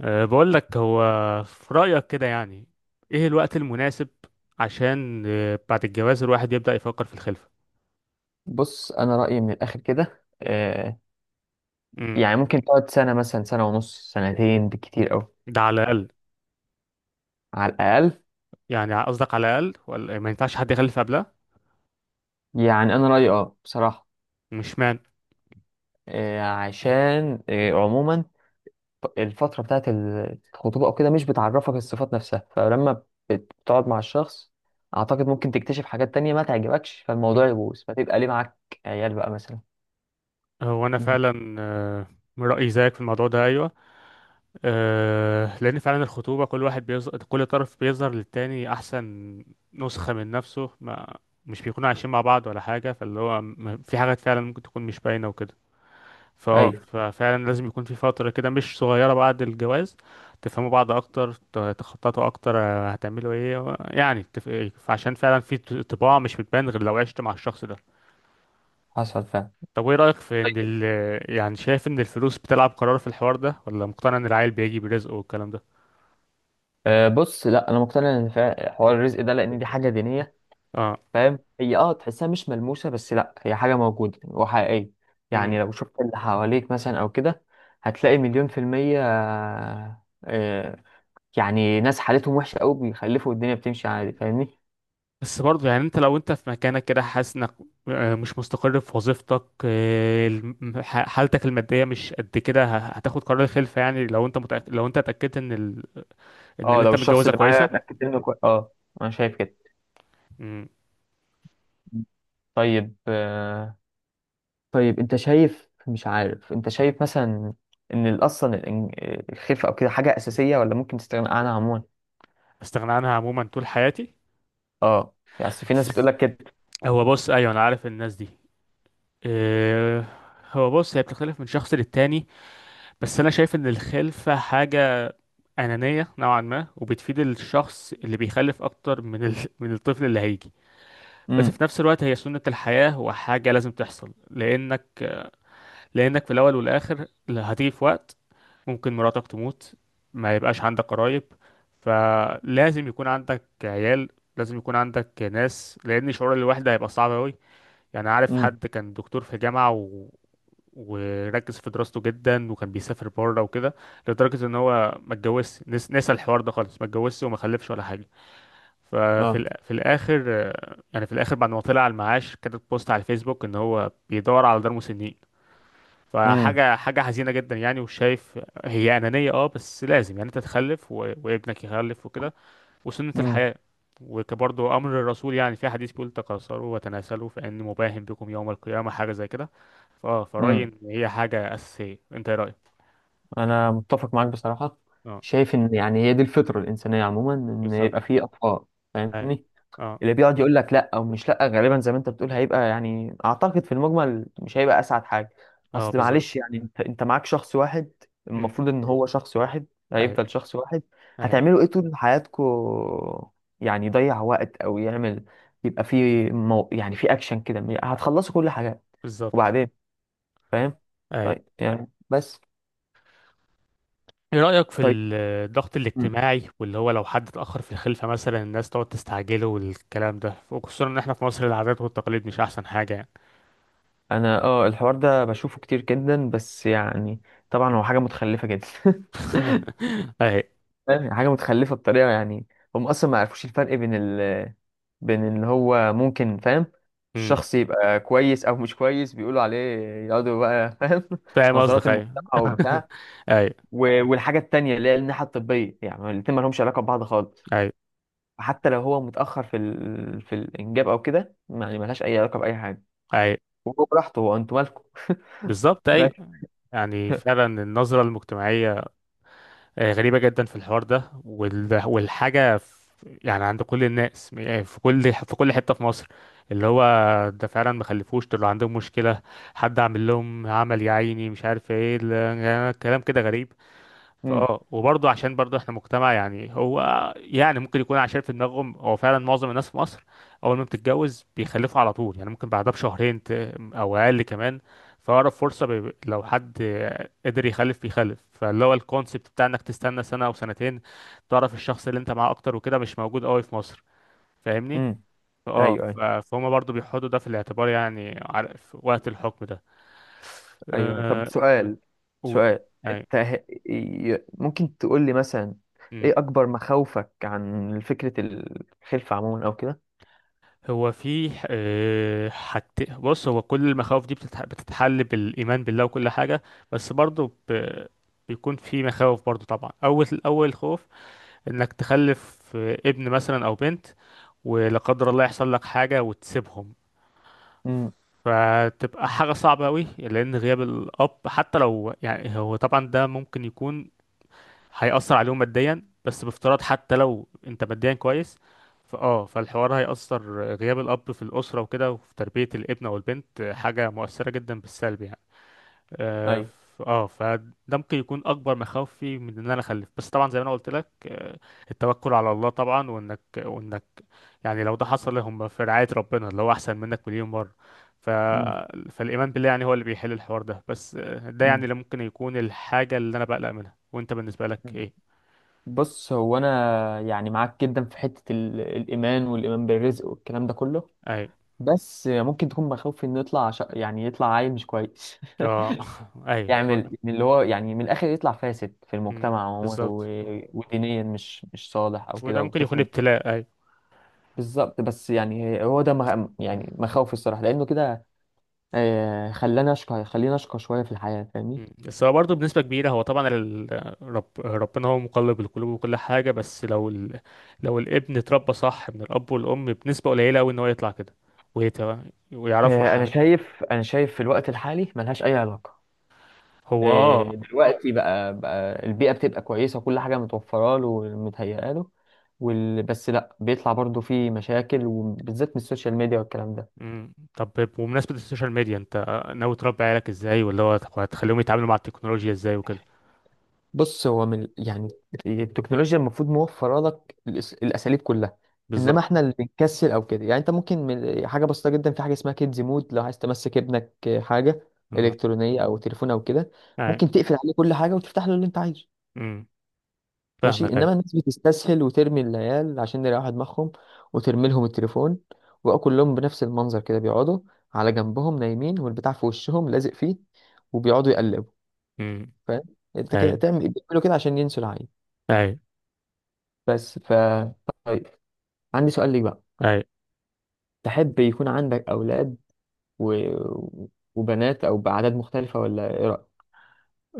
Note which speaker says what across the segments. Speaker 1: بقول لك، هو في رأيك كده يعني ايه الوقت المناسب عشان بعد الجواز الواحد يبدأ يفكر في الخلفة؟
Speaker 2: بص انا رايي من الاخر كده. آه
Speaker 1: امم.
Speaker 2: يعني ممكن تقعد سنه مثلا، سنه ونص، سنتين بالكتير قوي.
Speaker 1: ده على الأقل؟
Speaker 2: على الاقل.
Speaker 1: يعني قصدك على الأقل ولا ما ينفعش حد يخلف قبلها؟
Speaker 2: يعني انا رايي بصراحه.
Speaker 1: مش مان.
Speaker 2: عشان عموما الفتره بتاعت الخطوبه او كده مش بتعرفك الصفات نفسها، فلما بتقعد مع الشخص اعتقد ممكن تكتشف حاجات تانية ما تعجبكش،
Speaker 1: مم.
Speaker 2: فالموضوع يبوظ فتبقى ليه معاك عيال بقى مثلا.
Speaker 1: هو أنا
Speaker 2: مم.
Speaker 1: فعلا، من رأيي زيك في الموضوع ده. أيوه، لأن فعلا الخطوبة كل واحد بيظهر، كل طرف بيظهر للتاني أحسن نسخة من نفسه، ما مش بيكونوا عايشين مع بعض ولا حاجة، فاللي هو في حاجات فعلا ممكن تكون مش باينة وكده.
Speaker 2: ايوه
Speaker 1: ففعلا لازم يكون في فترة كده مش صغيرة بعد الجواز تفهموا بعض أكتر، تخططوا أكتر، هتعملوا إيه يعني عشان فعلا في طباع مش بتبان غير لو عشت مع الشخص ده.
Speaker 2: حصل فعلا.
Speaker 1: طب إيه رأيك في إن
Speaker 2: طيب.
Speaker 1: يعني شايف إن الفلوس بتلعب قرار في الحوار ده، ولا مقتنع إن العيل بيجي برزقه والكلام ده؟
Speaker 2: بص لا، انا مقتنع ان حوار الرزق ده، لان دي حاجه دينيه.
Speaker 1: اه.
Speaker 2: فاهم؟ هي اه تحسها مش ملموسة، بس لا، هي حاجة موجودة وحقيقية.
Speaker 1: امم.
Speaker 2: يعني لو شفت اللي حواليك مثلا أو كده هتلاقي مليون في المية. يعني ناس حالتهم وحشة أوي بيخلفوا والدنيا بتمشي عادي، فاهمني.
Speaker 1: بس برضه يعني انت لو انت في مكانك كده، حاسس انك مش مستقر في وظيفتك، حالتك المادية مش قد كده، هتاخد قرار الخلفة؟ يعني لو انت متأكد، لو انت اتأكدت ان ان
Speaker 2: اه
Speaker 1: اللي انت
Speaker 2: لو الشخص
Speaker 1: متجوزها
Speaker 2: اللي معايا
Speaker 1: كويسه.
Speaker 2: اتأكدت منه كويس، اه أنا شايف كده.
Speaker 1: مم.
Speaker 2: طيب آه، طيب أنت شايف، مش عارف أنت شايف مثلا إن الخلفة أو كده حاجة أساسية، ولا ممكن تستغنى عنها عموما؟
Speaker 1: استغنى عنها عموما طول حياتي؟
Speaker 2: اه يعني أصل في ناس بتقولك كده.
Speaker 1: هو بص، ايوه انا عارف الناس دي. إيه، هو بص، هي بتختلف من شخص للتاني، بس انا شايف ان الخلفه حاجه انانيه نوعا ما، وبتفيد الشخص اللي بيخلف اكتر من من الطفل اللي هيجي. بس في
Speaker 2: امم.
Speaker 1: نفس الوقت هي سنه الحياه، وحاجه لازم تحصل، لانك في الاول والاخر هتيجي في وقت ممكن مراتك تموت، ما يبقاش عندك قرايب، فلازم يكون عندك عيال، لازم يكون عندك ناس، لأن شعور الوحدة هيبقى صعب أوي. يعني عارف
Speaker 2: امم.
Speaker 1: حد كان دكتور في جامعة، وركز في دراسته جدا، وكان بيسافر بره وكده، لدرجة ان هو ما اتجوزش، نسى الحوار ده خالص، ما اتجوزش وما خلفش ولا حاجة.
Speaker 2: اه.
Speaker 1: في الآخر، يعني في الآخر بعد ما طلع على المعاش كتب بوست على الفيسبوك ان هو بيدور على دار مسنين.
Speaker 2: امم.
Speaker 1: فحاجة حزينة جدا يعني. وشايف هي أنانية، اه، بس لازم يعني انت تخلف، وابنك يخلف وكده، وسنة
Speaker 2: امم
Speaker 1: الحياة. وكبرضه أمر الرسول، يعني في حديث بيقول تكاثروا وتناسلوا فإن مباهم بكم يوم القيامة، حاجة زي كده. فرأيي إن
Speaker 2: امم
Speaker 1: هي حاجة أساسية، انت ايه رأيك؟
Speaker 2: انا متفق معاك بصراحه.
Speaker 1: اه،
Speaker 2: شايف ان يعني هي دي الفطره الانسانيه عموما، ان
Speaker 1: بالظبط.
Speaker 2: يبقى فيه اطفال،
Speaker 1: اي.
Speaker 2: فاهمني.
Speaker 1: اه.
Speaker 2: اللي بيقعد يقول لك لا، او مش لا، غالبا زي ما انت بتقول هيبقى، يعني اعتقد في المجمل مش هيبقى اسعد حاجه.
Speaker 1: اه،
Speaker 2: اصل
Speaker 1: بالظبط.
Speaker 2: معلش، يعني انت معاك شخص واحد،
Speaker 1: أمم،
Speaker 2: المفروض ان هو شخص واحد،
Speaker 1: اي،
Speaker 2: هيفضل شخص واحد.
Speaker 1: اي،
Speaker 2: هتعملوا ايه طول حياتكو؟ يعني يضيع وقت او يعمل، يبقى فيه يعني في اكشن كده هتخلصوا كل حاجه،
Speaker 1: بالظبط.
Speaker 2: وبعدين؟ فاهم؟
Speaker 1: اي.
Speaker 2: طيب يعني بس.
Speaker 1: ايه رأيك في
Speaker 2: طيب.
Speaker 1: الضغط
Speaker 2: مم.
Speaker 1: الاجتماعي واللي هو لو حد اتأخر في الخلفة مثلا، الناس تقعد تستعجله والكلام ده، وخصوصا ان احنا في مصر العادات والتقاليد مش احسن حاجة يعني.
Speaker 2: انا الحوار ده بشوفه كتير جدا، بس يعني طبعا هو حاجه متخلفه جدا
Speaker 1: اهي.
Speaker 2: فاهم؟ حاجه متخلفه بطريقه، يعني هم اصلا ما يعرفوش الفرق بين بين ان هو، ممكن، فاهم،
Speaker 1: أمم.
Speaker 2: الشخص يبقى كويس او مش كويس بيقولوا عليه. يقعدوا بقى فاهم
Speaker 1: فاهم
Speaker 2: نظرات
Speaker 1: قصدك، ايوه.
Speaker 2: المجتمع وبتاع.
Speaker 1: ايوه.
Speaker 2: والحاجه التانيه اللي هي الناحيه الطبيه، يعني الاتنين ما لهمش علاقه ببعض خالص.
Speaker 1: ايوه.
Speaker 2: حتى لو هو متاخر في في الانجاب او كده، يعني ملهاش اي علاقه باي حاجه.
Speaker 1: ايوه،
Speaker 2: وهو براحته، هو انتوا مالكم؟
Speaker 1: بالظبط،
Speaker 2: بس.
Speaker 1: ايوه. يعني فعلا النظرة المجتمعية غريبة جدا في الحوار ده، والحاجة في يعني عند كل الناس، يعني في كل حتة في مصر، اللي هو ده فعلا ما خلفوش، طلعوا عندهم مشكلة، حد عامل لهم عمل، يا عيني مش عارف ايه يعني كلام كده غريب. وبرضه عشان برضه احنا مجتمع، يعني هو يعني ممكن يكون عشان في دماغهم هو فعلا معظم الناس في مصر اول ما بتتجوز بيخلفوا على طول، يعني ممكن بعدها بشهرين او اقل كمان. فأقرب فرصة لو حد قدر يخلف بيخلف، فاللي هو الكونسيبت بتاع انك تستنى سنة او سنتين تعرف الشخص اللي انت معاه اكتر وكده مش موجود قوي في مصر، فاهمني؟
Speaker 2: امم.
Speaker 1: اه،
Speaker 2: ايوه. ايوه.
Speaker 1: فهم برضه بيحطوا ده في الاعتبار، يعني في وقت الحكم ده.
Speaker 2: ايوه. أيوه.
Speaker 1: أه...
Speaker 2: طب سؤال،
Speaker 1: و...
Speaker 2: سؤال. انت ه- ممكن تقول لي مثلا ايه
Speaker 1: أي.
Speaker 2: اكبر مخاوفك عن فكرة الخلفة عموما او كده؟
Speaker 1: هو في بص، هو كل المخاوف دي بتتحل بالإيمان بالله وكل حاجة، بس برضو بيكون في مخاوف برضو طبعا. أول أول خوف إنك تخلف، ابن مثلا أو بنت، ولا قدر الله يحصل لك حاجة وتسيبهم،
Speaker 2: امم.
Speaker 1: فتبقى حاجة صعبة أوي، لأن غياب الأب حتى لو، يعني هو طبعا ده ممكن يكون هيأثر عليهم ماديا، بس بافتراض حتى لو انت ماديا كويس، فالحوار هيأثر، غياب الأب في الأسرة وكده وفي تربية الابن أو البنت حاجة مؤثرة جدا بالسلب يعني. اه.
Speaker 2: ايوه.
Speaker 1: فده ممكن يكون أكبر مخاوفي من إن أنا أخلف، بس طبعا زي ما أنا قلت لك، التوكل على الله طبعا، وإنك يعني لو ده حصل هم في رعاية ربنا اللي هو أحسن منك مليون مرة. ف...
Speaker 2: امم.
Speaker 1: فالإيمان بالله يعني هو اللي بيحل الحوار ده، بس ده يعني
Speaker 2: مم.
Speaker 1: اللي ممكن يكون الحاجة اللي أنا بقلق منها. وأنت بالنسبة لك إيه؟
Speaker 2: بص هو انا يعني معاك جدا في حته الايمان، والايمان بالرزق والكلام ده كله.
Speaker 1: ايوه.
Speaker 2: بس ممكن تكون مخاوف انه يطلع يعني يطلع عيل مش كويس
Speaker 1: اه. ايوه.
Speaker 2: يعمل من اللي هو يعني من الاخر يطلع فاسد في
Speaker 1: مم.
Speaker 2: المجتمع عموما،
Speaker 1: بالظبط.
Speaker 2: ودينيا مش صالح او كده،
Speaker 1: وده
Speaker 2: او
Speaker 1: ممكن يكون
Speaker 2: طفل.
Speaker 1: ابتلاء، ايوه.
Speaker 2: بالظبط. بس يعني هو ده يعني مخاوفي الصراحه، لانه كده خلاني اشقى، خليني اشقى شويه في الحياه، فاهمني.
Speaker 1: مم. بس هو برضه بنسبة كبيرة، هو طبعا ربنا هو مقلب القلوب وكل حاجة، بس لو لو الابن اتربى صح من الأب والأم، بنسبة قليلة أوي إن هو يطلع كده ويت... ويعرفوا
Speaker 2: آه، انا
Speaker 1: حاجة.
Speaker 2: شايف انا شايف في الوقت الحالي ملهاش اي علاقه.
Speaker 1: هو اه.
Speaker 2: دلوقتي بقى، البيئه بتبقى كويسه وكل حاجه متوفره له ومتهيئه له، بس لا، بيطلع برضو فيه مشاكل وبالذات من السوشيال ميديا والكلام ده.
Speaker 1: مم. طب، بمناسبة السوشيال ميديا، انت ناوي تربي عيالك ازاي؟ ولا هو هتخليهم يتعاملوا مع التكنولوجيا ازاي وكده؟
Speaker 2: بص هو من يعني التكنولوجيا المفروض موفره لك الاساليب كلها، انما احنا
Speaker 1: بالظبط.
Speaker 2: اللي بنكسل او كده. يعني انت ممكن من حاجه بسيطه جدا، في حاجه اسمها كيدز مود، لو عايز تمسك ابنك حاجه
Speaker 1: لا.
Speaker 2: الكترونيه او تليفون او كده،
Speaker 1: اي.
Speaker 2: ممكن تقفل عليه كل حاجه وتفتح له اللي انت عايزه،
Speaker 1: امم. فاهمك.
Speaker 2: ماشي.
Speaker 1: اي.
Speaker 2: انما الناس بتستسهل وترمي العيال عشان يريحوا دماغهم وترمي لهم التليفون، وبقوا كلهم بنفس المنظر كده بيقعدوا على جنبهم نايمين والبتاع في وشهم لازق فيه، وبيقعدوا يقلبوا،
Speaker 1: امم.
Speaker 2: فاهم. انت
Speaker 1: اي.
Speaker 2: كده تعمل، بيعملوا كده عشان ينسوا العيل.
Speaker 1: اي.
Speaker 2: بس ف، طيب. عندي سؤال ليك بقى.
Speaker 1: اي.
Speaker 2: تحب يكون عندك أولاد و... وبنات أو بأعداد مختلفة، ولا إيه رأيك؟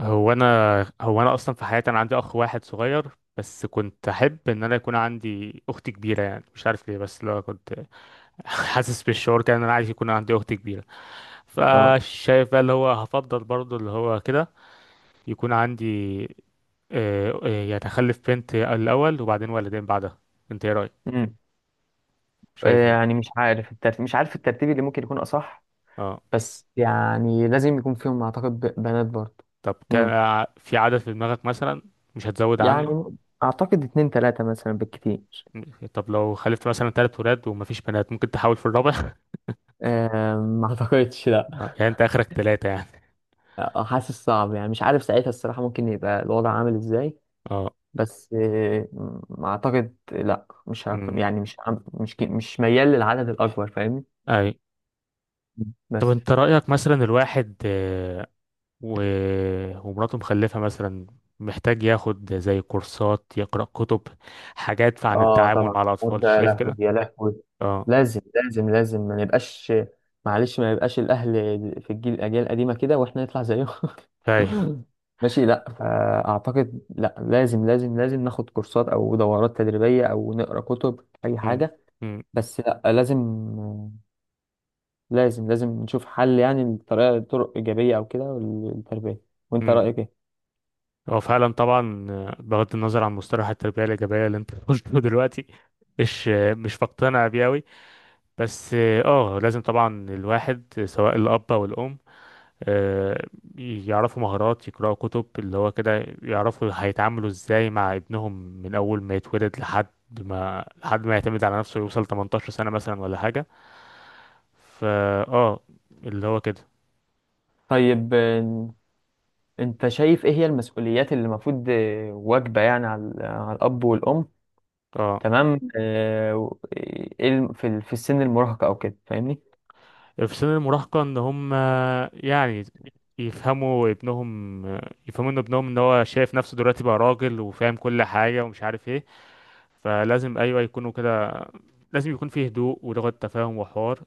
Speaker 1: هو انا هو انا اصلا في حياتي انا عندي اخ واحد صغير، بس كنت احب ان انا يكون عندي اخت كبيره، يعني مش عارف ليه، بس لو كنت حاسس بالشعور كان انا عايز يكون عندي اخت كبيره.
Speaker 2: اه.
Speaker 1: فشايف بقى اللي هو هفضل برضو اللي هو كده، يكون عندي، يعني اخلف بنت الاول وبعدين ولدين بعدها. انت ايه رايك؟
Speaker 2: امم.
Speaker 1: شايف ايه؟
Speaker 2: يعني مش عارف الترتيب، مش عارف الترتيب اللي ممكن يكون أصح،
Speaker 1: اه.
Speaker 2: بس يعني لازم يكون فيهم أعتقد بنات برضه.
Speaker 1: طب كان
Speaker 2: امم.
Speaker 1: في عدد في دماغك مثلا مش هتزود عنه؟
Speaker 2: يعني م- أعتقد اتنين تلاتة مثلا بالكتير.
Speaker 1: طب لو خلفت مثلا ثلاث ولاد ومفيش بنات ممكن تحاول في الرابع؟
Speaker 2: أم، ما أعتقدش لأ.
Speaker 1: يعني انت اخرك ثلاثه يعني؟
Speaker 2: أه، حاسس صعب، يعني مش عارف ساعتها الصراحة ممكن يبقى الوضع عامل إزاي،
Speaker 1: اه.
Speaker 2: بس اعتقد لا، مش هك...
Speaker 1: امم.
Speaker 2: يعني مش عم- مش ك- مش ميال للعدد الاكبر، فاهمني.
Speaker 1: اي. طب
Speaker 2: بس
Speaker 1: انت رأيك مثلا الواحد، و... ومراته مخلفة مثلا، محتاج ياخد زي كورسات، يقرأ كتب، حاجات عن
Speaker 2: اه،
Speaker 1: التعامل
Speaker 2: طبعا
Speaker 1: مع
Speaker 2: انت
Speaker 1: الأطفال،
Speaker 2: يا
Speaker 1: شايف
Speaker 2: لهوي
Speaker 1: كده؟
Speaker 2: يا لهوي،
Speaker 1: اه.
Speaker 2: لازم لازم. ما نبقاش، معلش، ما يبقاش الاهل في الاجيال القديمه كده واحنا نطلع زيهم
Speaker 1: اي.
Speaker 2: ماشي، لا فاعتقد لا، لازم لازم ناخد كورسات او دورات تدريبيه او نقرا كتب اي
Speaker 1: أمم،
Speaker 2: حاجه،
Speaker 1: أمم،
Speaker 2: بس لا لازم، لازم نشوف حل، يعني لطريقة، طرق إيجابية أو كده للتربية. وأنت
Speaker 1: أمم.
Speaker 2: رأيك إيه؟
Speaker 1: هو فعلا طبعا، بغض النظر عن مصطلح التربية الإيجابية اللي انت قلته دلوقتي، مش مش بقتنع بيه أوي، بس اه، لازم طبعا الواحد سواء الأب أو الأم آه، يعرفوا مهارات، يقرأوا كتب، اللي هو كده يعرفوا هيتعاملوا ازاي مع ابنهم من اول ما يتولد لحد ما يعتمد على نفسه، يوصل 18 سنة مثلا ولا حاجة. فا اه، اللي هو كده.
Speaker 2: طيب، انت شايف ايه هي المسؤوليات اللي المفروض واجبة يعني على على الاب والام؟
Speaker 1: اه،
Speaker 2: تمام. ايه في السن المراهقة او كده، فاهمني؟
Speaker 1: في سن المراهقة، ان هم يعني يفهموا ابنهم، يفهموا ان ابنهم ان هو شايف نفسه دلوقتي بقى راجل وفاهم كل حاجة ومش عارف ايه، فلازم ايوه يكونوا كده، لازم يكون فيه هدوء ولغة تفاهم وحوار،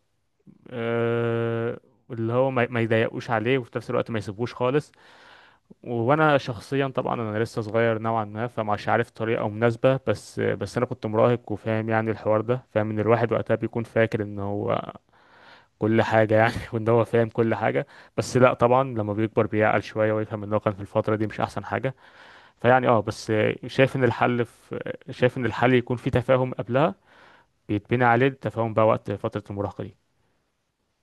Speaker 1: آه، اللي هو ما يضايقوش عليه وفي نفس الوقت ما يسيبوش خالص. وانا شخصيا طبعا انا لسه صغير نوعا ما، فمش عارف طريقه مناسبه، بس انا كنت مراهق وفاهم يعني الحوار ده، فاهم ان الواحد وقتها بيكون فاكر ان هو كل حاجه يعني وان هو فاهم كل حاجه، بس لا طبعا لما بيكبر بيعقل شويه ويفهم ان هو كان في الفتره دي مش احسن حاجه. فيعني اه، بس شايف ان الحل في شايف ان الحل يكون في تفاهم قبلها، بيتبنى عليه التفاهم بقى وقت فتره المراهقه دي.